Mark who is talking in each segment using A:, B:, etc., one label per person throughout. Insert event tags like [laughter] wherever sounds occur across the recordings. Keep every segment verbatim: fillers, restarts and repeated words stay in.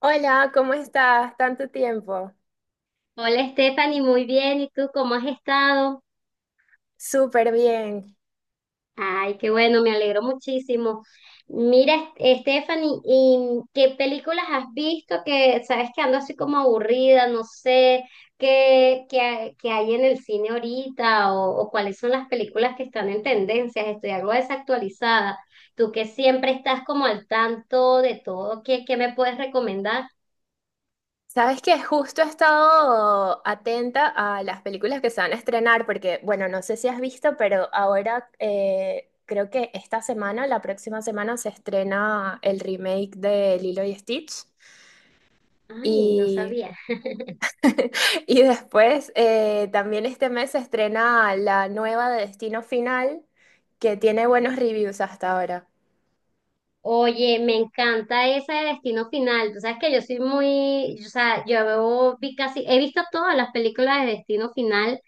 A: Hola, ¿cómo estás? Tanto tiempo.
B: Hola Stephanie, muy bien. ¿Y tú cómo has estado?
A: Súper bien.
B: Ay, qué bueno, me alegro muchísimo. Mira, Est- Stephanie, ¿y qué películas has visto que sabes que ando así como aburrida, no sé qué, qué, hay qué hay en el cine ahorita o, o cuáles son las películas que están en tendencias? Estoy algo desactualizada. Tú que siempre estás como al tanto de todo, ¿qué, qué me puedes recomendar?
A: Sabes que justo he estado atenta a las películas que se van a estrenar, porque, bueno, no sé si has visto, pero ahora eh, creo que esta semana, la próxima semana, se estrena el remake de Lilo y Stitch.
B: Ay, no
A: Y,
B: sabía.
A: [laughs] y después eh, también este mes se estrena la nueva de Destino Final, que tiene buenos reviews hasta ahora.
B: Oye, me encanta esa de Destino Final. Tú sabes que yo soy muy, o sea, yo veo- vi casi, he visto todas las películas de Destino Final,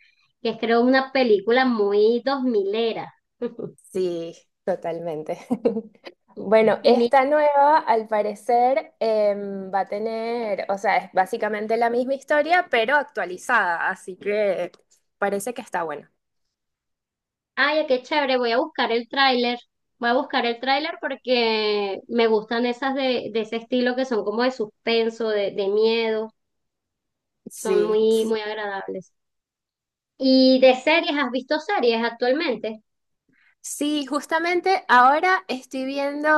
B: que es creo una película muy dos milera. [laughs]
A: Sí, totalmente. [laughs] Bueno,
B: Mi-
A: esta nueva, al parecer, em, va a tener, o sea, es básicamente la misma historia, pero actualizada, así que parece que está buena.
B: Ay, qué chévere, voy a buscar el tráiler. Voy a buscar el tráiler porque me gustan esas de, de ese estilo que son como de suspenso, de, de miedo. Son
A: Sí,
B: muy,
A: sí.
B: muy agradables. ¿Y de series? ¿Has visto series actualmente?
A: Sí, justamente ahora estoy viendo,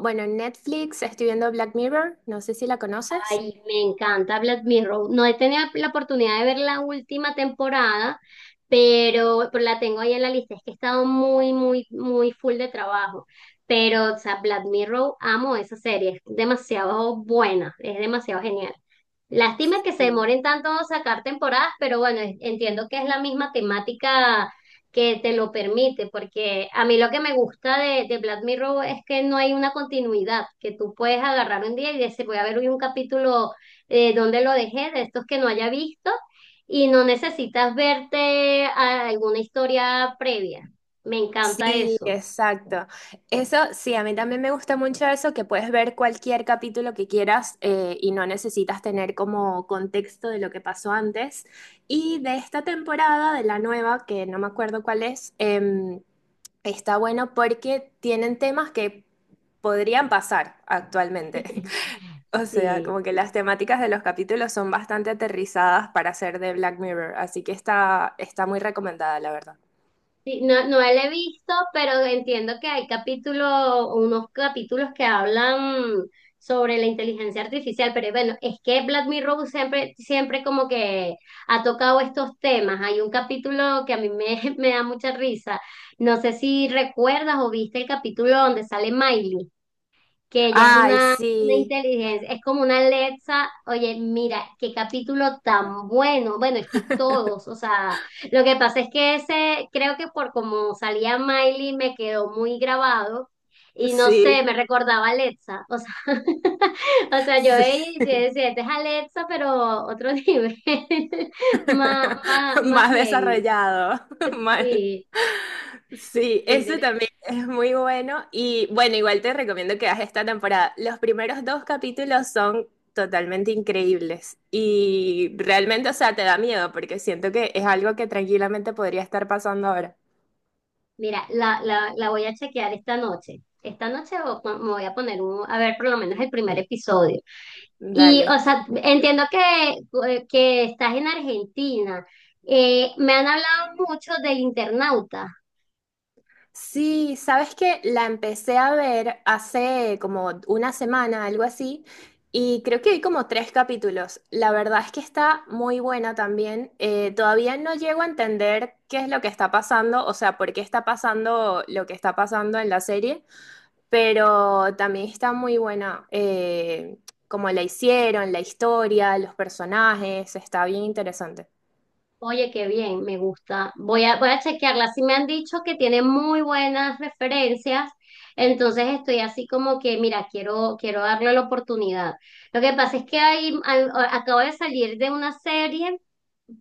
A: bueno, en Netflix estoy viendo Black Mirror, no sé si la conoces.
B: Ay, me encanta Black Mirror. No he tenido la oportunidad de ver la última temporada, pero, pero la tengo ahí en la lista. Es que he estado muy, muy, muy full de trabajo. Pero, o sea, Black Mirror, amo esa serie. Es demasiado buena, es demasiado genial. Lástima que se demoren tanto en sacar temporadas, pero bueno, es- entiendo que es la misma temática que te lo permite, porque a mí lo que me gusta de de Black Mirror es que no hay una continuidad, que tú puedes agarrar un día y decir, voy a ver hoy un capítulo eh, donde lo dejé, de estos que no haya visto, y no necesitas verte a- alguna historia previa. Me encanta
A: Sí,
B: eso.
A: exacto. Eso, sí, a mí también me gusta mucho eso, que puedes ver cualquier capítulo que quieras eh, y no necesitas tener como contexto de lo que pasó antes. Y de esta temporada, de la nueva, que no me acuerdo cuál es, em, está bueno porque tienen temas que podrían pasar actualmente. [laughs]
B: [laughs]
A: O sea,
B: Sí.
A: como que las temáticas de los capítulos son bastante aterrizadas para ser de Black Mirror, así que está, está muy recomendada, la verdad.
B: Sí. No, no la he visto, pero entiendo que hay capítulos, unos capítulos que hablan sobre la inteligencia artificial, pero bueno, es que Black Mirror siempre, siempre como que ha tocado estos temas. Hay un capítulo que a mí me [laughs] me da mucha risa. No sé si recuerdas o viste el capítulo donde sale Miley, que ella es
A: Ay,
B: una, una
A: sí.
B: inteligencia, es como una Alexa. Oye, mira, qué capítulo tan bueno, bueno, es que
A: [laughs]
B: todos, o sea, lo que pasa es que ese, creo que por como salía Miley me quedó muy grabado y no sé,
A: Sí,
B: me recordaba a Alexa, o sea, [laughs] o sea, yo
A: sí.
B: veía y yo decía, este es Alexa, pero otro nivel, [laughs] más, más,
A: [laughs]
B: más
A: Más
B: heavy,
A: desarrollado, [laughs] mal.
B: sí,
A: Sí,
B: qué
A: ese
B: interesante.
A: también es muy bueno y bueno, igual te recomiendo que hagas esta temporada. Los primeros dos capítulos son totalmente increíbles y realmente, o sea, te da miedo porque siento que es algo que tranquilamente podría estar pasando ahora.
B: Mira, la, la, la voy a chequear esta noche. Esta noche o- me voy a poner un, a ver por lo menos el primer episodio. Y,
A: Dale.
B: o sea, entiendo que, eh, que estás en Argentina. Eh, me han hablado mucho del Internauta.
A: Sí, sabes que la empecé a ver hace como una semana, algo así, y creo que hay como tres capítulos. La verdad es que está muy buena también. Eh, todavía no llego a entender qué es lo que está pasando, o sea, por qué está pasando lo que está pasando en la serie, pero también está muy buena. Eh, como la hicieron, la historia, los personajes, está bien interesante.
B: Oye, qué bien, me gusta. Voy a, voy a chequearla. Sí me han dicho que tiene muy buenas referencias. Entonces estoy así como que, mira, quiero, quiero darle la oportunidad. Lo que pasa es que ahí, al- acabo de salir de una serie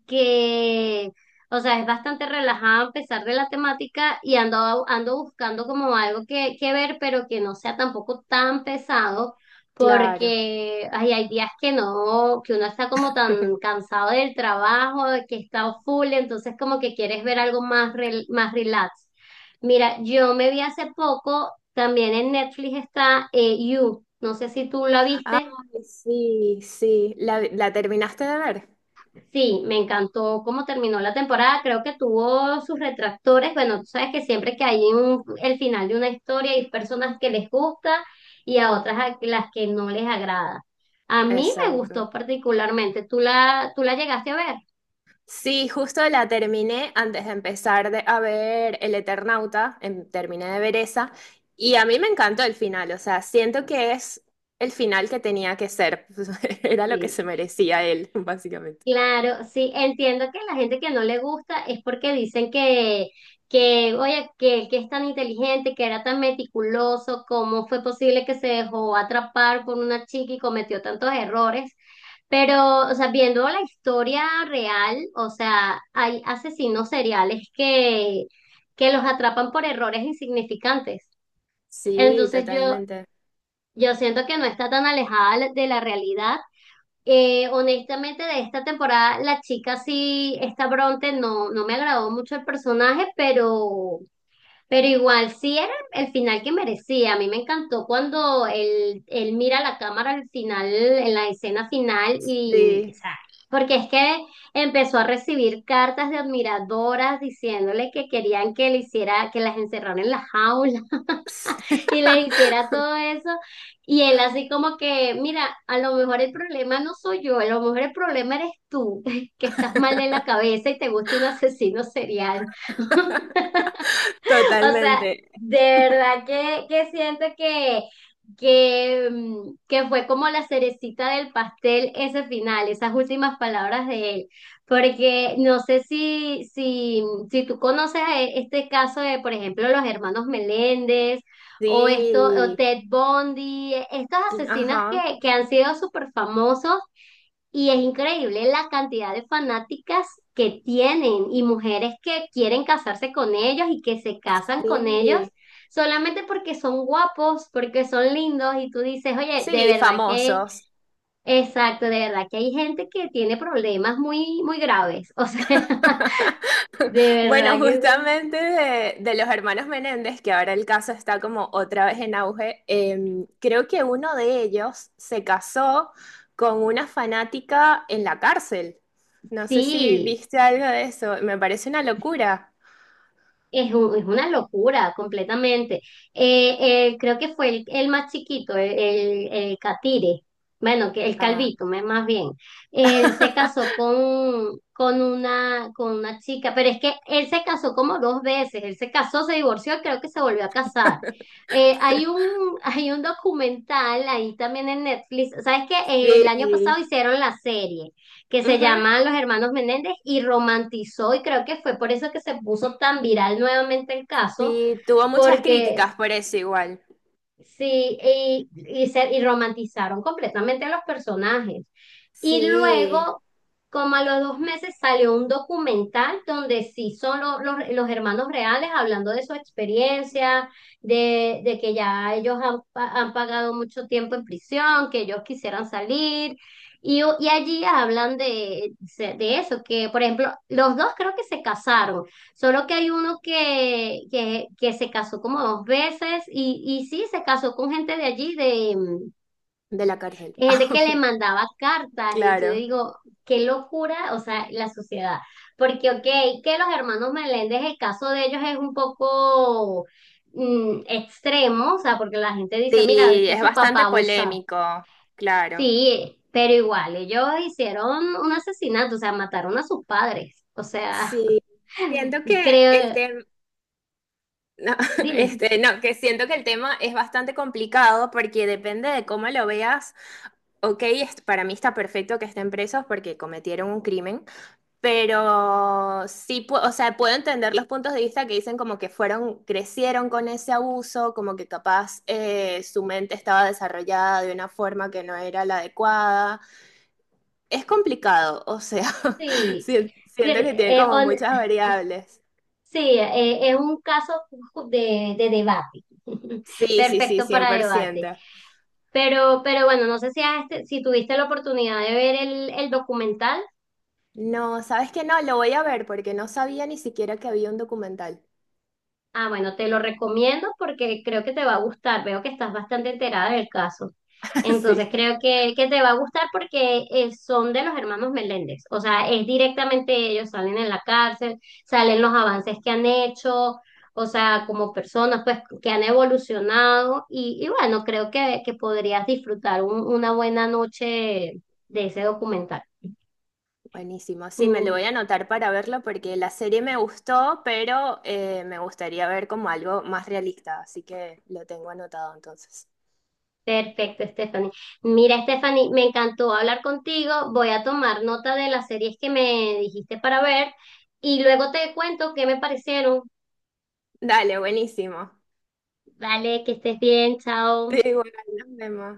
B: que, o sea, es bastante relajada a pesar de la temática y ando, ando buscando como algo que, que ver, pero que no sea tampoco tan pesado,
A: Claro.
B: porque ay, hay días que no, que uno está como tan
A: [laughs]
B: cansado del trabajo, de que está full, entonces como que quieres ver algo más, rel- más relax. Mira, yo me vi hace poco, también en Netflix está eh, You, no sé si tú la
A: Ay,
B: viste.
A: sí, sí. ¿La, la terminaste de ver?
B: Sí, me encantó cómo terminó la temporada. Creo que tuvo sus retractores. Bueno, tú sabes que siempre que hay un, el final de una historia hay personas que les gusta y a otras a las que no les agrada. A mí me
A: Exacto.
B: gustó particularmente. ¿Tú la, tú la llegaste a ver?
A: Sí, justo la terminé antes de empezar de- a ver El Eternauta, em, terminé de ver esa, y a mí me encantó el final, o sea, siento que es el final que tenía que ser, [laughs] era lo que
B: Sí.
A: se merecía él, [laughs] básicamente.
B: Claro, sí, entiendo que la gente que no le gusta es porque dicen que, que oye, que, que es tan inteligente, que era tan meticuloso, cómo fue posible que se dejó atrapar por una chica y cometió tantos errores. Pero, o sea, viendo la historia real, o sea, hay asesinos seriales que, que los atrapan por errores insignificantes.
A: Sí,
B: Entonces yo,
A: totalmente.
B: yo siento que no está tan alejada de la realidad, eh, honestamente. De esta temporada, la chica sí, esta Bronte, no, no me agradó mucho el personaje, pero, pero igual sí era el final que merecía. A mí me encantó cuando él, él mira la cámara al final, en la escena final, y, o
A: Sí.
B: sea, porque es que empezó a recibir cartas de admiradoras diciéndole que querían que le hiciera, que las encerraran en la jaula y le hiciera
A: [laughs]
B: todo eso. Y él así como que, mira, a lo mejor el problema no soy yo, a lo mejor el problema eres tú, [laughs] que estás mal de la cabeza y te gusta un asesino serial. [laughs] O sea,
A: Totalmente.
B: de verdad que, que siento que, que, mm, que fue como la cerecita del pastel ese final, esas últimas palabras de él. Porque no sé si, si, si tú conoces a e- este caso de, por ejemplo, los hermanos Meléndez o esto, o
A: Sí.
B: Ted Bundy, estos asesinos que,
A: Ajá.
B: que han sido súper famosos, y es increíble la cantidad de fanáticas que tienen y mujeres que quieren casarse con ellos y que se casan con ellos
A: Sí.
B: solamente porque son guapos, porque son lindos y tú dices, oye, de
A: Sí,
B: verdad que,
A: famosos.
B: exacto, de verdad que hay gente que tiene problemas muy, muy graves. O sea,
A: [laughs]
B: [laughs] de
A: Bueno,
B: verdad que
A: justamente de, de los hermanos Menéndez, que ahora el caso está como otra vez en auge, em, creo que uno de ellos se casó con una fanática en la cárcel. No sé si
B: sí.
A: viste algo de eso, me parece una locura.
B: Es, un- es una locura completamente. Eh, eh, creo que fue el, el más chiquito, el, el, el Catire, bueno, que el
A: Ah,
B: Calvito, me- más bien. Él se casó
A: [laughs]
B: con, con una, con una chica, pero es que él se casó como dos veces. Él se casó, se divorció, y creo que se volvió a casar. Eh, hay un, hay un documental ahí también en Netflix. ¿Sabes qué? Eh, el año pasado
A: sí,
B: hicieron la serie que se
A: ujú,
B: llaman Los Hermanos Menéndez y romantizó, y creo que fue por eso que se puso tan viral nuevamente el caso,
A: sí, tuvo muchas
B: porque
A: críticas por eso igual.
B: sí, y, y, se- y romantizaron completamente a los personajes. Y
A: Sí,
B: luego, como a los dos meses, salió un documental donde sí son lo- los, los hermanos reales hablando de su experiencia, de, de que ya ellos han, pa- han pagado mucho tiempo en prisión, que ellos quisieran salir. Y, y allí hablan de de eso, que por ejemplo, los dos creo que se casaron. Solo que hay uno que, que, que se casó como dos veces y, y sí, se casó con gente de allí, de, mm,
A: de la cárcel.
B: gente que le
A: [laughs]
B: mandaba cartas y yo
A: Claro.
B: digo, qué locura, o sea, la sociedad. Porque, ok, que los hermanos Meléndez, el caso de ellos es un poco mm, extremo, o sea, porque la gente dice, mira, es
A: Sí,
B: que
A: es
B: su papá
A: bastante
B: abusa.
A: polémico, claro.
B: Sí, pero igual, ellos hicieron un asesinato, o sea, mataron a sus padres. O sea,
A: Sí, siento
B: [laughs]
A: que el
B: creo,
A: tema, [laughs] no,
B: dime.
A: este, no, que siento que el tema es bastante complicado porque depende de cómo lo veas. Ok, es- para mí está perfecto que estén presos porque cometieron un crimen, pero sí, pu- o sea, puedo entender los puntos de vista que dicen como que fueron, crecieron con ese abuso, como que capaz eh, su mente estaba desarrollada de una forma que no era la adecuada. Es complicado, o sea, [laughs]
B: Sí,
A: si- siento
B: cre-
A: que tiene
B: eh,
A: como
B: on-
A: muchas variables.
B: sí, eh, es un caso de de debate, [laughs]
A: Sí, sí, sí,
B: perfecto
A: cien
B: para
A: por ciento.
B: debate. Pero, pero bueno, no sé si, has- este, si tuviste la oportunidad de ver el, el documental.
A: No, ¿sabes qué? No, lo voy a ver porque no sabía ni siquiera que había un documental.
B: Ah, bueno, te lo recomiendo porque creo que te va a gustar. Veo que estás bastante enterada del caso.
A: [laughs]
B: Entonces
A: Sí,
B: creo que, que te va a gustar porque eh, son de los hermanos Meléndez. O sea, es directamente ellos, salen en la cárcel, salen los avances que han hecho, o sea, como personas pues que han evolucionado. Y, y bueno, creo que, que podrías disfrutar un- una buena noche de ese documental.
A: buenísimo. Sí, me lo
B: Mm.
A: voy a anotar para verlo porque la serie me gustó, pero eh, me gustaría ver como algo más realista, así que lo tengo anotado entonces.
B: Perfecto, Stephanie. Mira, Stephanie, me encantó hablar contigo. Voy a tomar nota de las series que me dijiste para ver y luego te cuento qué me parecieron.
A: Dale, buenísimo. [laughs]
B: Vale, que estés bien, chao.
A: Sí, bueno, nos vemos.